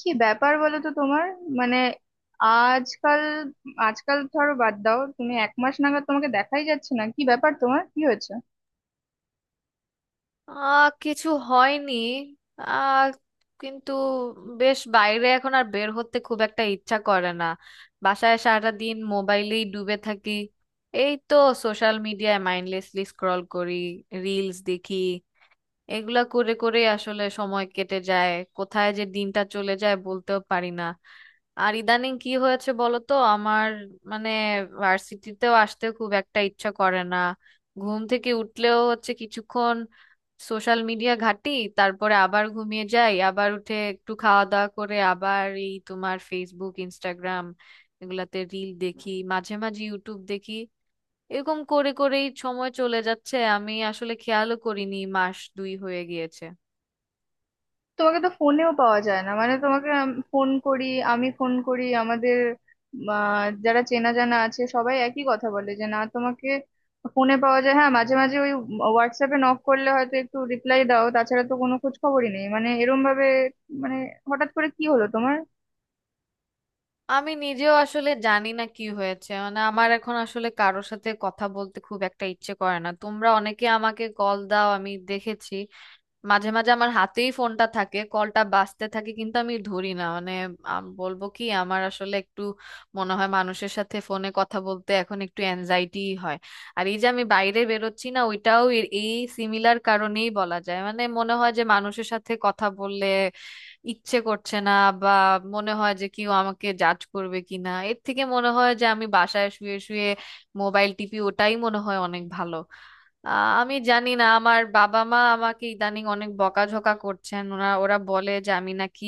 কি ব্যাপার বলো তো তোমার? মানে আজকাল আজকাল ধরো, বাদ দাও, তুমি এক মাস নাগাদ তোমাকে দেখাই যাচ্ছে না, কি ব্যাপার, তোমার কি হয়েছে? কিছু হয়নি। আহ কিন্তু বেশ, বাইরে এখন আর বের হতে খুব একটা ইচ্ছা করে না। বাসায় সারাটা দিন মোবাইলেই ডুবে থাকি, এই তো, সোশ্যাল মিডিয়ায় মাইন্ডলেসলি স্ক্রল করি, রিলস দেখি, এগুলা করে করে আসলে সময় কেটে যায়, কোথায় যে দিনটা চলে যায় বলতেও পারি না। আর ইদানিং কি হয়েছে বলো তো আমার, মানে, ভার্সিটিতেও আসতে খুব একটা ইচ্ছা করে না, ঘুম থেকে উঠলেও হচ্ছে কিছুক্ষণ সোশ্যাল মিডিয়া ঘাঁটি, তারপরে আবার ঘুমিয়ে যাই, আবার উঠে একটু খাওয়া দাওয়া করে আবার এই তোমার ফেসবুক ইনস্টাগ্রাম, এগুলাতে রিল দেখি, মাঝে মাঝে ইউটিউব দেখি। এরকম করে করেই সময় চলে যাচ্ছে, আমি আসলে খেয়ালও করিনি মাস 2 হয়ে গিয়েছে। তোমাকে তো ফোনেও পাওয়া যায় না, মানে তোমাকে ফোন করি, আমাদের যারা চেনা জানা আছে সবাই একই কথা বলে যে না, তোমাকে ফোনে পাওয়া যায়, হ্যাঁ মাঝে মাঝে ওই হোয়াটসঅ্যাপে নক করলে হয়তো একটু রিপ্লাই দাও, তাছাড়া তো কোনো খোঁজ খবরই নেই, মানে এরম ভাবে, মানে হঠাৎ করে কি হলো তোমার? আমি নিজেও আসলে জানি না কি হয়েছে, মানে আমার এখন আসলে কারোর সাথে কথা বলতে খুব একটা ইচ্ছে করে না। তোমরা অনেকে আমাকে কল দাও, আমি দেখেছি। মাঝে মাঝে আমার হাতেই ফোনটা থাকে, কলটা বাজতে থাকে কিন্তু আমি ধরি না, মানে বলবো কি, আমার আসলে একটু মনে হয় মানুষের সাথে ফোনে কথা বলতে এখন একটু অ্যাংজাইটি হয়। আর এই যে আমি বাইরে বেরোচ্ছি না, ওইটাও এই সিমিলার কারণেই বলা যায়। মানে মনে হয় যে মানুষের সাথে কথা বললে ইচ্ছে করছে না, বা মনে হয় যে কেউ আমাকে জাজ করবে কিনা, এর থেকে মনে হয় যে আমি বাসায় শুয়ে শুয়ে মোবাইল টিপি ওটাই মনে হয় অনেক ভালো। আমি জানি না, আমার বাবা মা আমাকে ইদানিং অনেক বকাঝকা করছেন, ওরা ওরা বলে যে আমি নাকি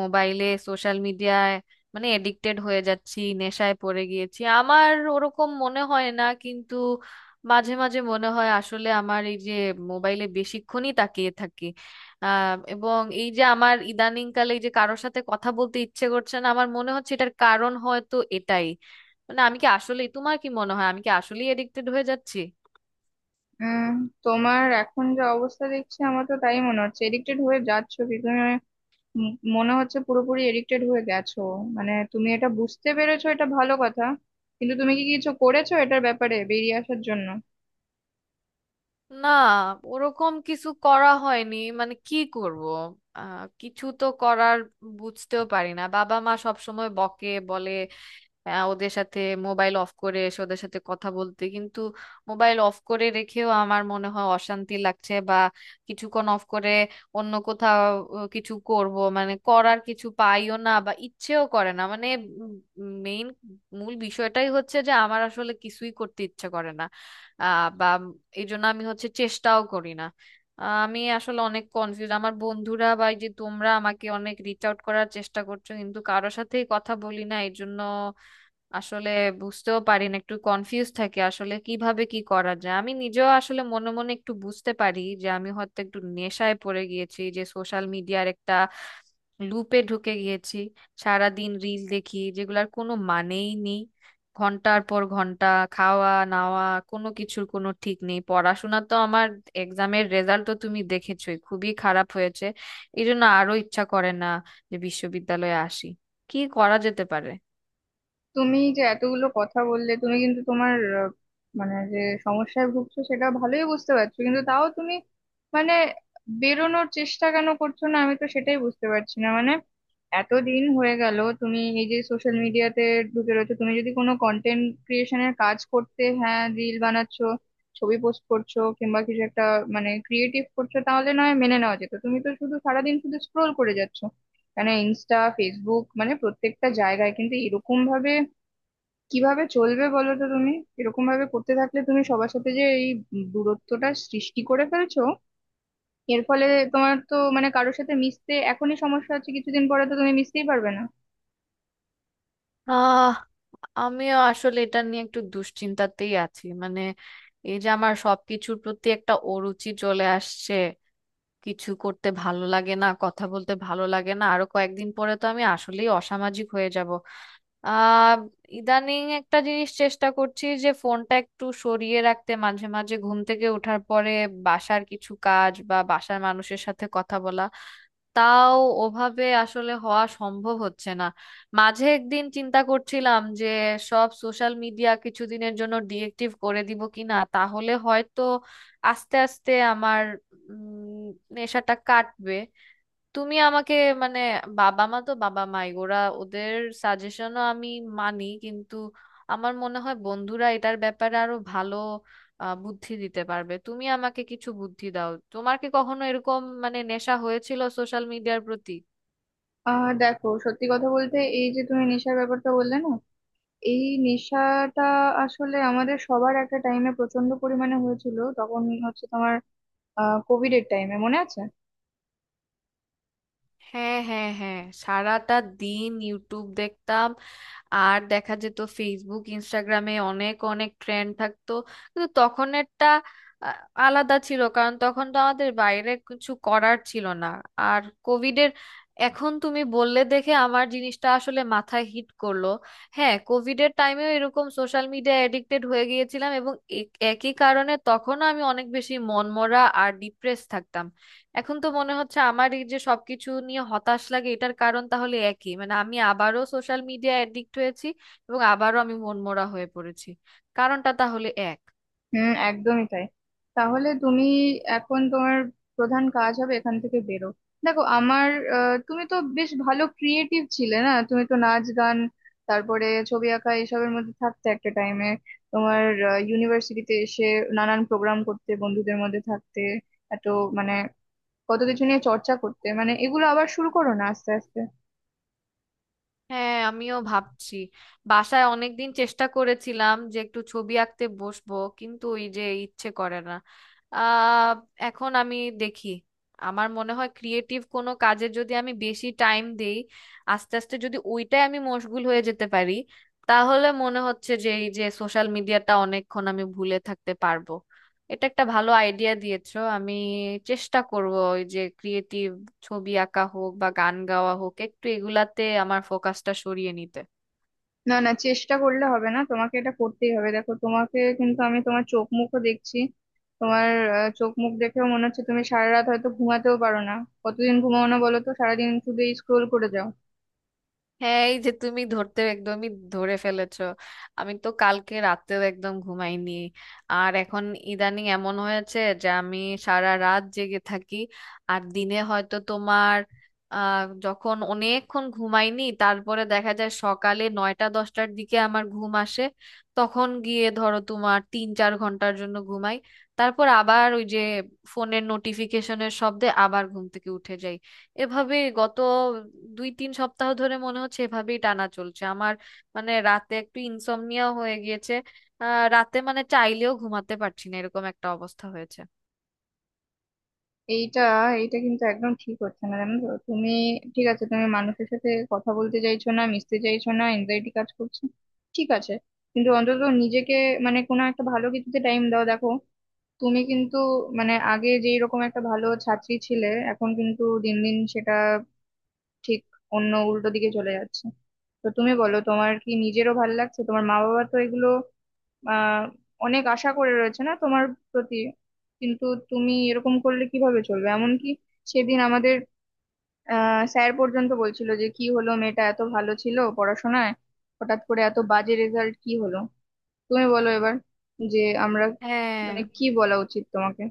মোবাইলে সোশ্যাল মিডিয়ায়, মানে এডিক্টেড হয়ে যাচ্ছি, নেশায় পড়ে গিয়েছি। আমার ওরকম মনে হয় না, কিন্তু মাঝে মাঝে মনে হয় আসলে আমার এই যে মোবাইলে বেশিক্ষণই তাকিয়ে থাকি, এবং এই যে আমার ইদানিংকালে এই যে কারোর সাথে কথা বলতে ইচ্ছে করছে না, আমার মনে হচ্ছে এটার কারণ হয়তো এটাই। মানে আমি কি আসলে, তোমার কি মনে হয়, আমি কি আসলেই এডিক্টেড হয়ে যাচ্ছি? উম তোমার এখন যা অবস্থা দেখছি, আমার তো তাই মনে হচ্ছে এডিক্টেড হয়ে যাচ্ছো কি তুমি? উম মনে হচ্ছে পুরোপুরি এডিক্টেড হয়ে গেছো। মানে তুমি এটা বুঝতে পেরেছো, এটা ভালো কথা, কিন্তু তুমি কি কিছু করেছো এটার ব্যাপারে বেরিয়ে আসার জন্য? না, ওরকম কিছু করা হয়নি, মানে কি করব। কিছু তো করার বুঝতেও পারি না। বাবা মা সব সময় বকে, বলে ওদের সাথে মোবাইল অফ করে এসে ওদের সাথে কথা বলতে, কিন্তু মোবাইল অফ করে রেখেও আমার মনে হয় অশান্তি লাগছে, বা কিছুক্ষণ অফ করে অন্য কোথাও কিছু করব মানে করার কিছু পাইও না, বা ইচ্ছেও করে না। মানে মেইন মূল বিষয়টাই হচ্ছে যে আমার আসলে কিছুই করতে ইচ্ছে করে না, বা এই জন্য আমি হচ্ছে চেষ্টাও করি না। আমি আসলে অনেক কনফিউজ, আমার বন্ধুরা বা এই যে তোমরা আমাকে অনেক রিচ আউট করার চেষ্টা করছো, কিন্তু কারোর সাথেই কথা বলি না এই জন্য আসলে বুঝতেও পারি না, একটু কনফিউজ থাকি আসলে কিভাবে কি করা যায়। আমি নিজেও আসলে মনে মনে একটু বুঝতে পারি যে আমি হয়তো একটু নেশায় পড়ে গিয়েছি, যে সোশ্যাল মিডিয়ার একটা লুপে ঢুকে গিয়েছি, সারা দিন রিল দেখি যেগুলার কোনো মানেই নেই, ঘন্টার পর ঘন্টা। খাওয়া নাওয়া কোনো কিছুর কোনো ঠিক নেই, পড়াশোনা তো আমার, এক্সামের রেজাল্ট তো তুমি দেখেছোই, খুবই খারাপ হয়েছে। এই জন্য আরো ইচ্ছা করে না যে বিশ্ববিদ্যালয়ে আসি। কি করা যেতে পারে? তুমি যে এতগুলো কথা বললে, তুমি কিন্তু তোমার মানে যে সমস্যায় ভুগছো সেটা ভালোই বুঝতে পারছো, কিন্তু তাও তুমি, মানে বেরোনোর চেষ্টা কেন করছো না, আমি তো সেটাই বুঝতে পারছি না। মানে এতদিন হয়ে গেল তুমি এই যে সোশ্যাল মিডিয়াতে ঢুকে রয়েছো, তুমি যদি কোনো কন্টেন্ট ক্রিয়েশনের কাজ করতে, হ্যাঁ রিল বানাচ্ছো, ছবি পোস্ট করছো, কিংবা কিছু একটা মানে ক্রিয়েটিভ করছো, তাহলে নয় মেনে নেওয়া যেত, তুমি তো শুধু সারাদিন শুধু স্ক্রোল করে যাচ্ছো মানে ইনস্টা, ফেসবুক, মানে প্রত্যেকটা জায়গায়। কিন্তু কিভাবে চলবে বলো তো তুমি, এরকম ভাবে করতে থাকলে? তুমি সবার সাথে যে এই দূরত্বটা সৃষ্টি করে ফেলছো, এর ফলে তোমার তো মানে কারোর সাথে মিশতে এখনই সমস্যা হচ্ছে, কিছুদিন পরে তো তুমি মিশতেই পারবে না। আমিও আসলে এটা নিয়ে একটু দুশ্চিন্তাতেই আছি, মানে এই যে আমার সবকিছুর প্রতি একটা অরুচি চলে আসছে, কিছু করতে ভালো লাগে না, কথা বলতে ভালো লাগে না, আরো কয়েকদিন পরে তো আমি আসলেই অসামাজিক হয়ে যাব। আহ ইদানিং একটা জিনিস চেষ্টা করছি যে ফোনটা একটু সরিয়ে রাখতে, মাঝে মাঝে ঘুম থেকে ওঠার পরে বাসার কিছু কাজ বা বাসার মানুষের সাথে কথা বলা, তাও ওভাবে আসলে হওয়া সম্ভব হচ্ছে না। মাঝে একদিন চিন্তা করছিলাম যে সব সোশ্যাল মিডিয়া কিছুদিনের জন্য ডিএক্টিভ করে দিব কিনা, তাহলে হয়তো আস্তে আস্তে আমার উম, নেশাটা কাটবে। তুমি আমাকে, মানে বাবা মা তো বাবা মাই, ওরা ওদের সাজেশনও আমি মানি, কিন্তু আমার মনে হয় বন্ধুরা এটার ব্যাপারে আরো ভালো বুদ্ধি দিতে পারবে। তুমি আমাকে কিছু বুদ্ধি দাও, তোমার কি কখনো এরকম মানে নেশা হয়েছিল সোশ্যাল মিডিয়ার প্রতি? দেখো, সত্যি কথা বলতে, এই যে তুমি নেশার ব্যাপারটা বললে না, এই নেশাটা আসলে আমাদের সবার একটা টাইমে প্রচন্ড পরিমাণে হয়েছিল, তখন হচ্ছে তোমার কোভিড এর টাইমে মনে আছে? হ্যাঁ, হ্যাঁ, হ্যাঁ, সারাটা দিন ইউটিউব দেখতাম, আর দেখা যেত ফেসবুক ইনস্টাগ্রামে অনেক অনেক ট্রেন্ড থাকতো, কিন্তু তখনেরটা আহ, আলাদা ছিল কারণ তখন তো আমাদের বাইরে কিছু করার ছিল না, আর কোভিডের, এখন তুমি বললে দেখে আমার জিনিসটা আসলে মাথায় হিট করলো। হ্যাঁ, কোভিডের টাইমেও এরকম সোশ্যাল মিডিয়া এডিক্টেড হয়ে গিয়েছিলাম এবং এ- একই কারণে তখনও আমি অনেক বেশি মনমরা আর ডিপ্রেস থাকতাম। এখন তো মনে হচ্ছে আমার এই যে সবকিছু নিয়ে হতাশ লাগে, এটার কারণ তাহলে একই, মানে আমি আবারও সোশ্যাল মিডিয়া অ্যাডিক্ট হয়েছি এবং আবারও আমি মনমরা হয়ে পড়েছি। কারণটা তাহলে এক। হুম, একদমই তাই। তাহলে তুমি, এখন তোমার প্রধান কাজ হবে এখান থেকে বেরো। দেখো আমার, তুমি তো বেশ ভালো ক্রিয়েটিভ ছিলে না, তুমি তো নাচ, গান, তারপরে ছবি আঁকা এসবের মধ্যে থাকতে একটা টাইমে। তোমার ইউনিভার্সিটিতে এসে নানান প্রোগ্রাম করতে, বন্ধুদের মধ্যে থাকতে, এত মানে কত কিছু নিয়ে চর্চা করতে, মানে এগুলো আবার শুরু করো না আস্তে আস্তে। হ্যাঁ, আমিও ভাবছি, বাসায় অনেকদিন চেষ্টা করেছিলাম যে একটু ছবি আঁকতে বসবো, কিন্তু ওই যে ইচ্ছে করে না। আহ এখন আমি দেখি, আমার মনে হয় ক্রিয়েটিভ কোনো কাজে যদি আমি বেশি টাইম দেই, আস্তে আস্তে যদি ওইটাই আমি মশগুল হয়ে যেতে পারি, তাহলে মনে হচ্ছে যে এই যে সোশ্যাল মিডিয়াটা অনেকক্ষণ আমি ভুলে থাকতে পারবো। এটা একটা ভালো আইডিয়া দিয়েছো, আমি চেষ্টা করব ওই যে ক্রিয়েটিভ, ছবি আঁকা হোক বা গান গাওয়া হোক, একটু এগুলাতে আমার ফোকাসটা সরিয়ে নিতে। না না, চেষ্টা করলে হবে না, তোমাকে এটা করতেই হবে। দেখো তোমাকে কিন্তু আমি তোমার চোখ মুখও দেখছি, তোমার চোখ মুখ দেখেও মনে হচ্ছে তুমি সারা রাত হয়তো ঘুমাতেও পারো না। কতদিন ঘুমাও না বলো তো, সারাদিন শুধু স্ক্রোল করে যাও? হ্যাঁ, এই যে তুমি ধরতে, একদমই ধরে ফেলেছো। আমি তো কালকে রাতে একদম ঘুমাইনি। আর এখন ইদানিং এমন হয়েছে যে আমি সারা রাত জেগে থাকি, আর দিনে হয়তো তোমার যখন অনেকক্ষণ ঘুমাইনি তারপরে দেখা যায় সকালে 9টা-10টার দিকে আমার ঘুম আসে, তখন গিয়ে ধরো তোমার 3-4 ঘন্টার জন্য ঘুমাই। তারপর আবার ওই যে ফোনের নোটিফিকেশনের শব্দে আবার ঘুম থেকে উঠে যাই। এভাবে গত 2-3 সপ্তাহ ধরে মনে হচ্ছে এভাবেই টানা চলছে আমার, মানে রাতে একটু ইনসমনিয়া হয়ে গিয়েছে। রাতে মানে চাইলেও ঘুমাতে পারছি না, এরকম একটা অবস্থা হয়েছে। এইটা এইটা কিন্তু একদম ঠিক হচ্ছে না, জানো তো তুমি। ঠিক আছে, তুমি মানুষের সাথে কথা বলতে চাইছো না, মিশতে চাইছো না, এনজাইটি কাজ করছে, ঠিক আছে, কিন্তু অন্তত নিজেকে মানে কোনো একটা ভালো কিছুতে টাইম দাও। দেখো তুমি কিন্তু মানে আগে যেই রকম একটা ভালো ছাত্রী ছিলে, এখন কিন্তু দিন দিন সেটা ঠিক অন্য উল্টো দিকে চলে যাচ্ছে। তো তুমি বলো, তোমার কি নিজেরও ভালো লাগছে? তোমার মা বাবা তো এগুলো আহ অনেক আশা করে রয়েছে না তোমার প্রতি, কিন্তু তুমি এরকম করলে কিভাবে চলবে? এমনকি সেদিন আমাদের স্যার পর্যন্ত বলছিল যে কি হলো, মেয়েটা এত ভালো ছিল পড়াশোনায়, হঠাৎ করে এত বাজে রেজাল্ট, কি হলো! তুমি বলো এবার যে আমরা হ্যাঁ, মানে কি বলা উচিত তোমাকে।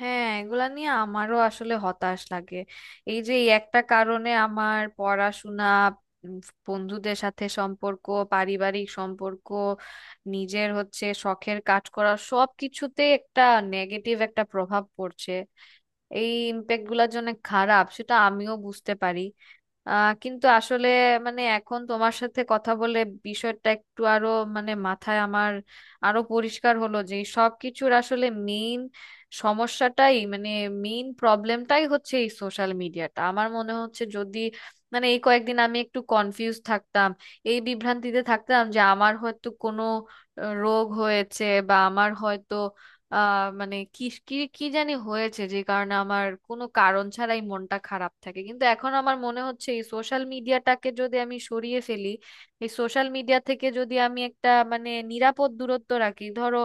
হ্যাঁ, এগুলা নিয়ে আমারও আসলে হতাশ লাগে। এই যে এই একটা কারণে আমার পড়াশোনা, উম, বন্ধুদের সাথে সম্পর্ক, পারিবারিক সম্পর্ক, নিজের হচ্ছে শখের কাজ করা, সব কিছুতে একটা নেগেটিভ একটা প্রভাব পড়ছে। এই ইম্প্যাক্ট গুলার জন্য খারাপ সেটা আমিও বুঝতে পারি। কিন্তু আসলে, মানে এখন তোমার সাথে কথা বলে বিষয়টা একটু আরো, মানে মাথায় আমার আরো পরিষ্কার হলো যে এই সবকিছুর আসলে মেইন সমস্যাটাই মানে মেইন প্রবলেমটাই হচ্ছে এই সোশ্যাল মিডিয়াটা। আমার মনে হচ্ছে যদি, মানে এই কয়েকদিন আমি একটু কনফিউজ থাকতাম, এই বিভ্রান্তিতে থাকতাম যে আমার হয়তো কোনো রোগ হয়েছে, বা আমার হয়তো মানে কি কি কি জানি হয়েছে, যে কারণে আমার কোনো কারণ ছাড়াই মনটা খারাপ থাকে। কিন্তু এখন আমার মনে হচ্ছে এই সোশ্যাল মিডিয়াটাকে যদি আমি সরিয়ে ফেলি, এই সোশ্যাল মিডিয়া থেকে যদি আমি একটা মানে নিরাপদ দূরত্ব রাখি, ধরো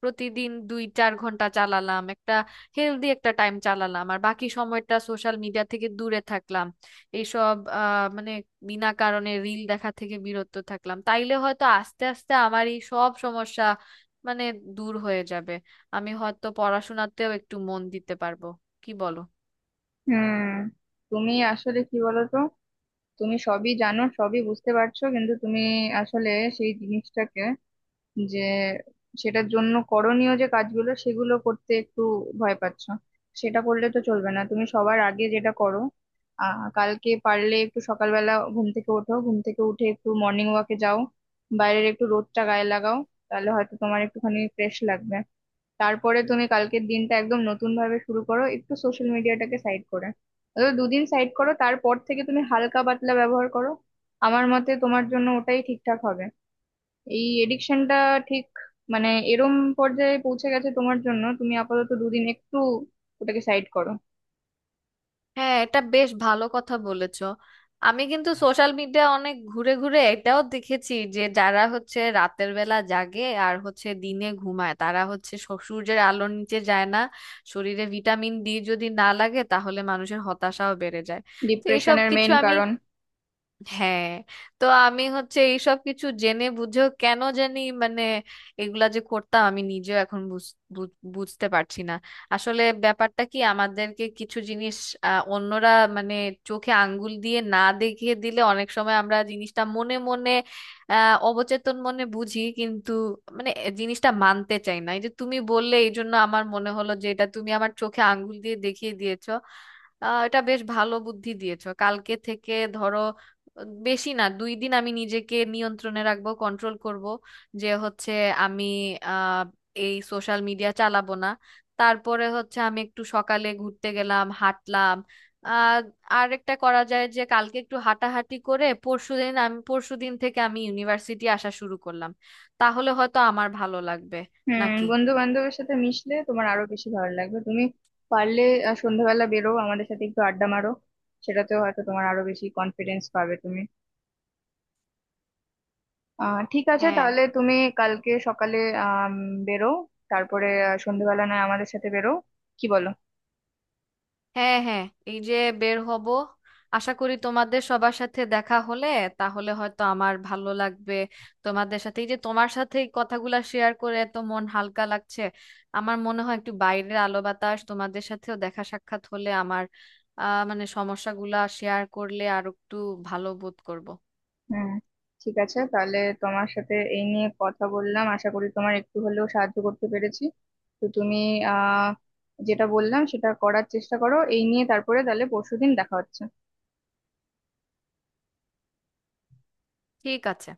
প্রতিদিন 2-4 ঘন্টা চালালাম, একটা হেলদি একটা টাইম চালালাম, আর বাকি সময়টা সোশ্যাল মিডিয়া থেকে দূরে থাকলাম, এইসব মানে বিনা কারণে রিল দেখা থেকে বিরত থাকলাম, তাইলে হয়তো আস্তে আস্তে আমার এই সব সমস্যা, মানে দূর হয়ে যাবে, আমি হয়তো পড়াশোনাতেও একটু মন দিতে পারবো। কি বলো? হুম, তুমি আসলে কি বলো তো, তুমি সবই জানো, সবই বুঝতে পারছো, কিন্তু তুমি আসলে সেই জিনিসটাকে, যে সেটার জন্য করণীয় যে কাজগুলো, সেগুলো করতে একটু ভয় পাচ্ছ। সেটা করলে তো চলবে না, তুমি সবার আগে যেটা করো, কালকে পারলে একটু সকালবেলা ঘুম থেকে ওঠো, ঘুম থেকে উঠে একটু মর্নিং ওয়াকে যাও, বাইরের একটু রোদটা গায়ে লাগাও, তাহলে হয়তো তোমার একটুখানি ফ্রেশ লাগবে। তারপরে তুমি কালকের দিনটা একদম নতুন ভাবে শুরু করো, একটু সোশ্যাল মিডিয়াটাকে সাইড করে। অন্তত দুদিন সাইড করো, তারপর থেকে তুমি হালকা পাতলা ব্যবহার করো। আমার মতে তোমার জন্য ওটাই ঠিকঠাক হবে। এই এডিকশনটা ঠিক মানে এরম পর্যায়ে পৌঁছে গেছে তোমার জন্য, তুমি আপাতত দুদিন একটু ওটাকে সাইড করো। হ্যাঁ, এটা বেশ ভালো কথা বলেছো। আমি কিন্তু সোশ্যাল মিডিয়া অনেক ঘুরে ঘুরে এটাও দেখেছি যে যারা হচ্ছে রাতের বেলা জাগে আর হচ্ছে দিনে ঘুমায়, তারা হচ্ছে সূর্যের আলোর নিচে যায় না, শরীরে ভিটামিন ডি যদি না লাগে তাহলে মানুষের হতাশাও বেড়ে যায়। তো এসব ডিপ্রেশনের কিছু মেইন আমি, কারণ। হ্যাঁ, তো আমি হচ্ছে এইসব কিছু জেনে বুঝেও কেন জানি মানে এগুলা যে করতাম আমি নিজেও এখন বুঝতে পারছি না। আসলে ব্যাপারটা কি, আমাদেরকে কিছু জিনিস অন্যরা, মানে চোখে আঙ্গুল দিয়ে না দেখিয়ে দিলে অনেক সময় আমরা জিনিসটা মনে মনে অবচেতন মনে বুঝি কিন্তু মানে এ জিনিসটা মানতে চাই না। এই যে তুমি বললে এই জন্য আমার মনে হলো যে এটা তুমি আমার চোখে আঙ্গুল দিয়ে দেখিয়ে দিয়েছো। এটা বেশ ভালো বুদ্ধি দিয়েছো। কালকে থেকে ধরো বেশি না, 2 দিন আমি নিজেকে নিয়ন্ত্রণে রাখবো, কন্ট্রোল করব, যে হচ্ছে আমি আহ এই সোশ্যাল মিডিয়া চালাবো না। তারপরে হচ্ছে আমি একটু সকালে ঘুরতে গেলাম, হাঁটলাম। আহ আর একটা করা যায় যে কালকে একটু হাঁটাহাঁটি করে পরশুদিন আমি, পরশুদিন থেকে আমি ইউনিভার্সিটি আসা শুরু করলাম, তাহলে হয়তো আমার ভালো লাগবে হুম, নাকি। বন্ধু বান্ধবের সাথে মিশলে তোমার আরো বেশি ভালো লাগবে, তুমি পারলে সন্ধ্যাবেলা বেরো, আমাদের সাথে একটু আড্ডা মারো, সেটাতেও হয়তো তোমার আরো বেশি কনফিডেন্স পাবে তুমি। ঠিক আছে, হ্যাঁ, তাহলে তুমি কালকে সকালে আম, বেরো, তারপরে সন্ধেবেলা নয় আমাদের সাথে বেরো, কি বলো? হ্যাঁ, হ্যাঁ, এই যে বের হব, আশা করি তোমাদের সবার সাথে দেখা হলে তাহলে হয়তো আমার ভালো লাগবে। তোমাদের সাথে, এই যে তোমার সাথে এই কথাগুলা শেয়ার করে এত মন হালকা লাগছে, আমার মনে হয় একটু বাইরের আলো বাতাস, তোমাদের সাথেও দেখা সাক্ষাৎ হলে আমার মানে সমস্যাগুলা শেয়ার করলে আর একটু ভালো বোধ করব। হুম, ঠিক আছে, তাহলে তোমার সাথে এই নিয়ে কথা বললাম, আশা করি তোমার একটু হলেও সাহায্য করতে পেরেছি। তো তুমি আহ যেটা বললাম সেটা করার চেষ্টা করো এই নিয়ে, তারপরে তাহলে পরশুদিন দেখা হচ্ছে। ঠিক আছে।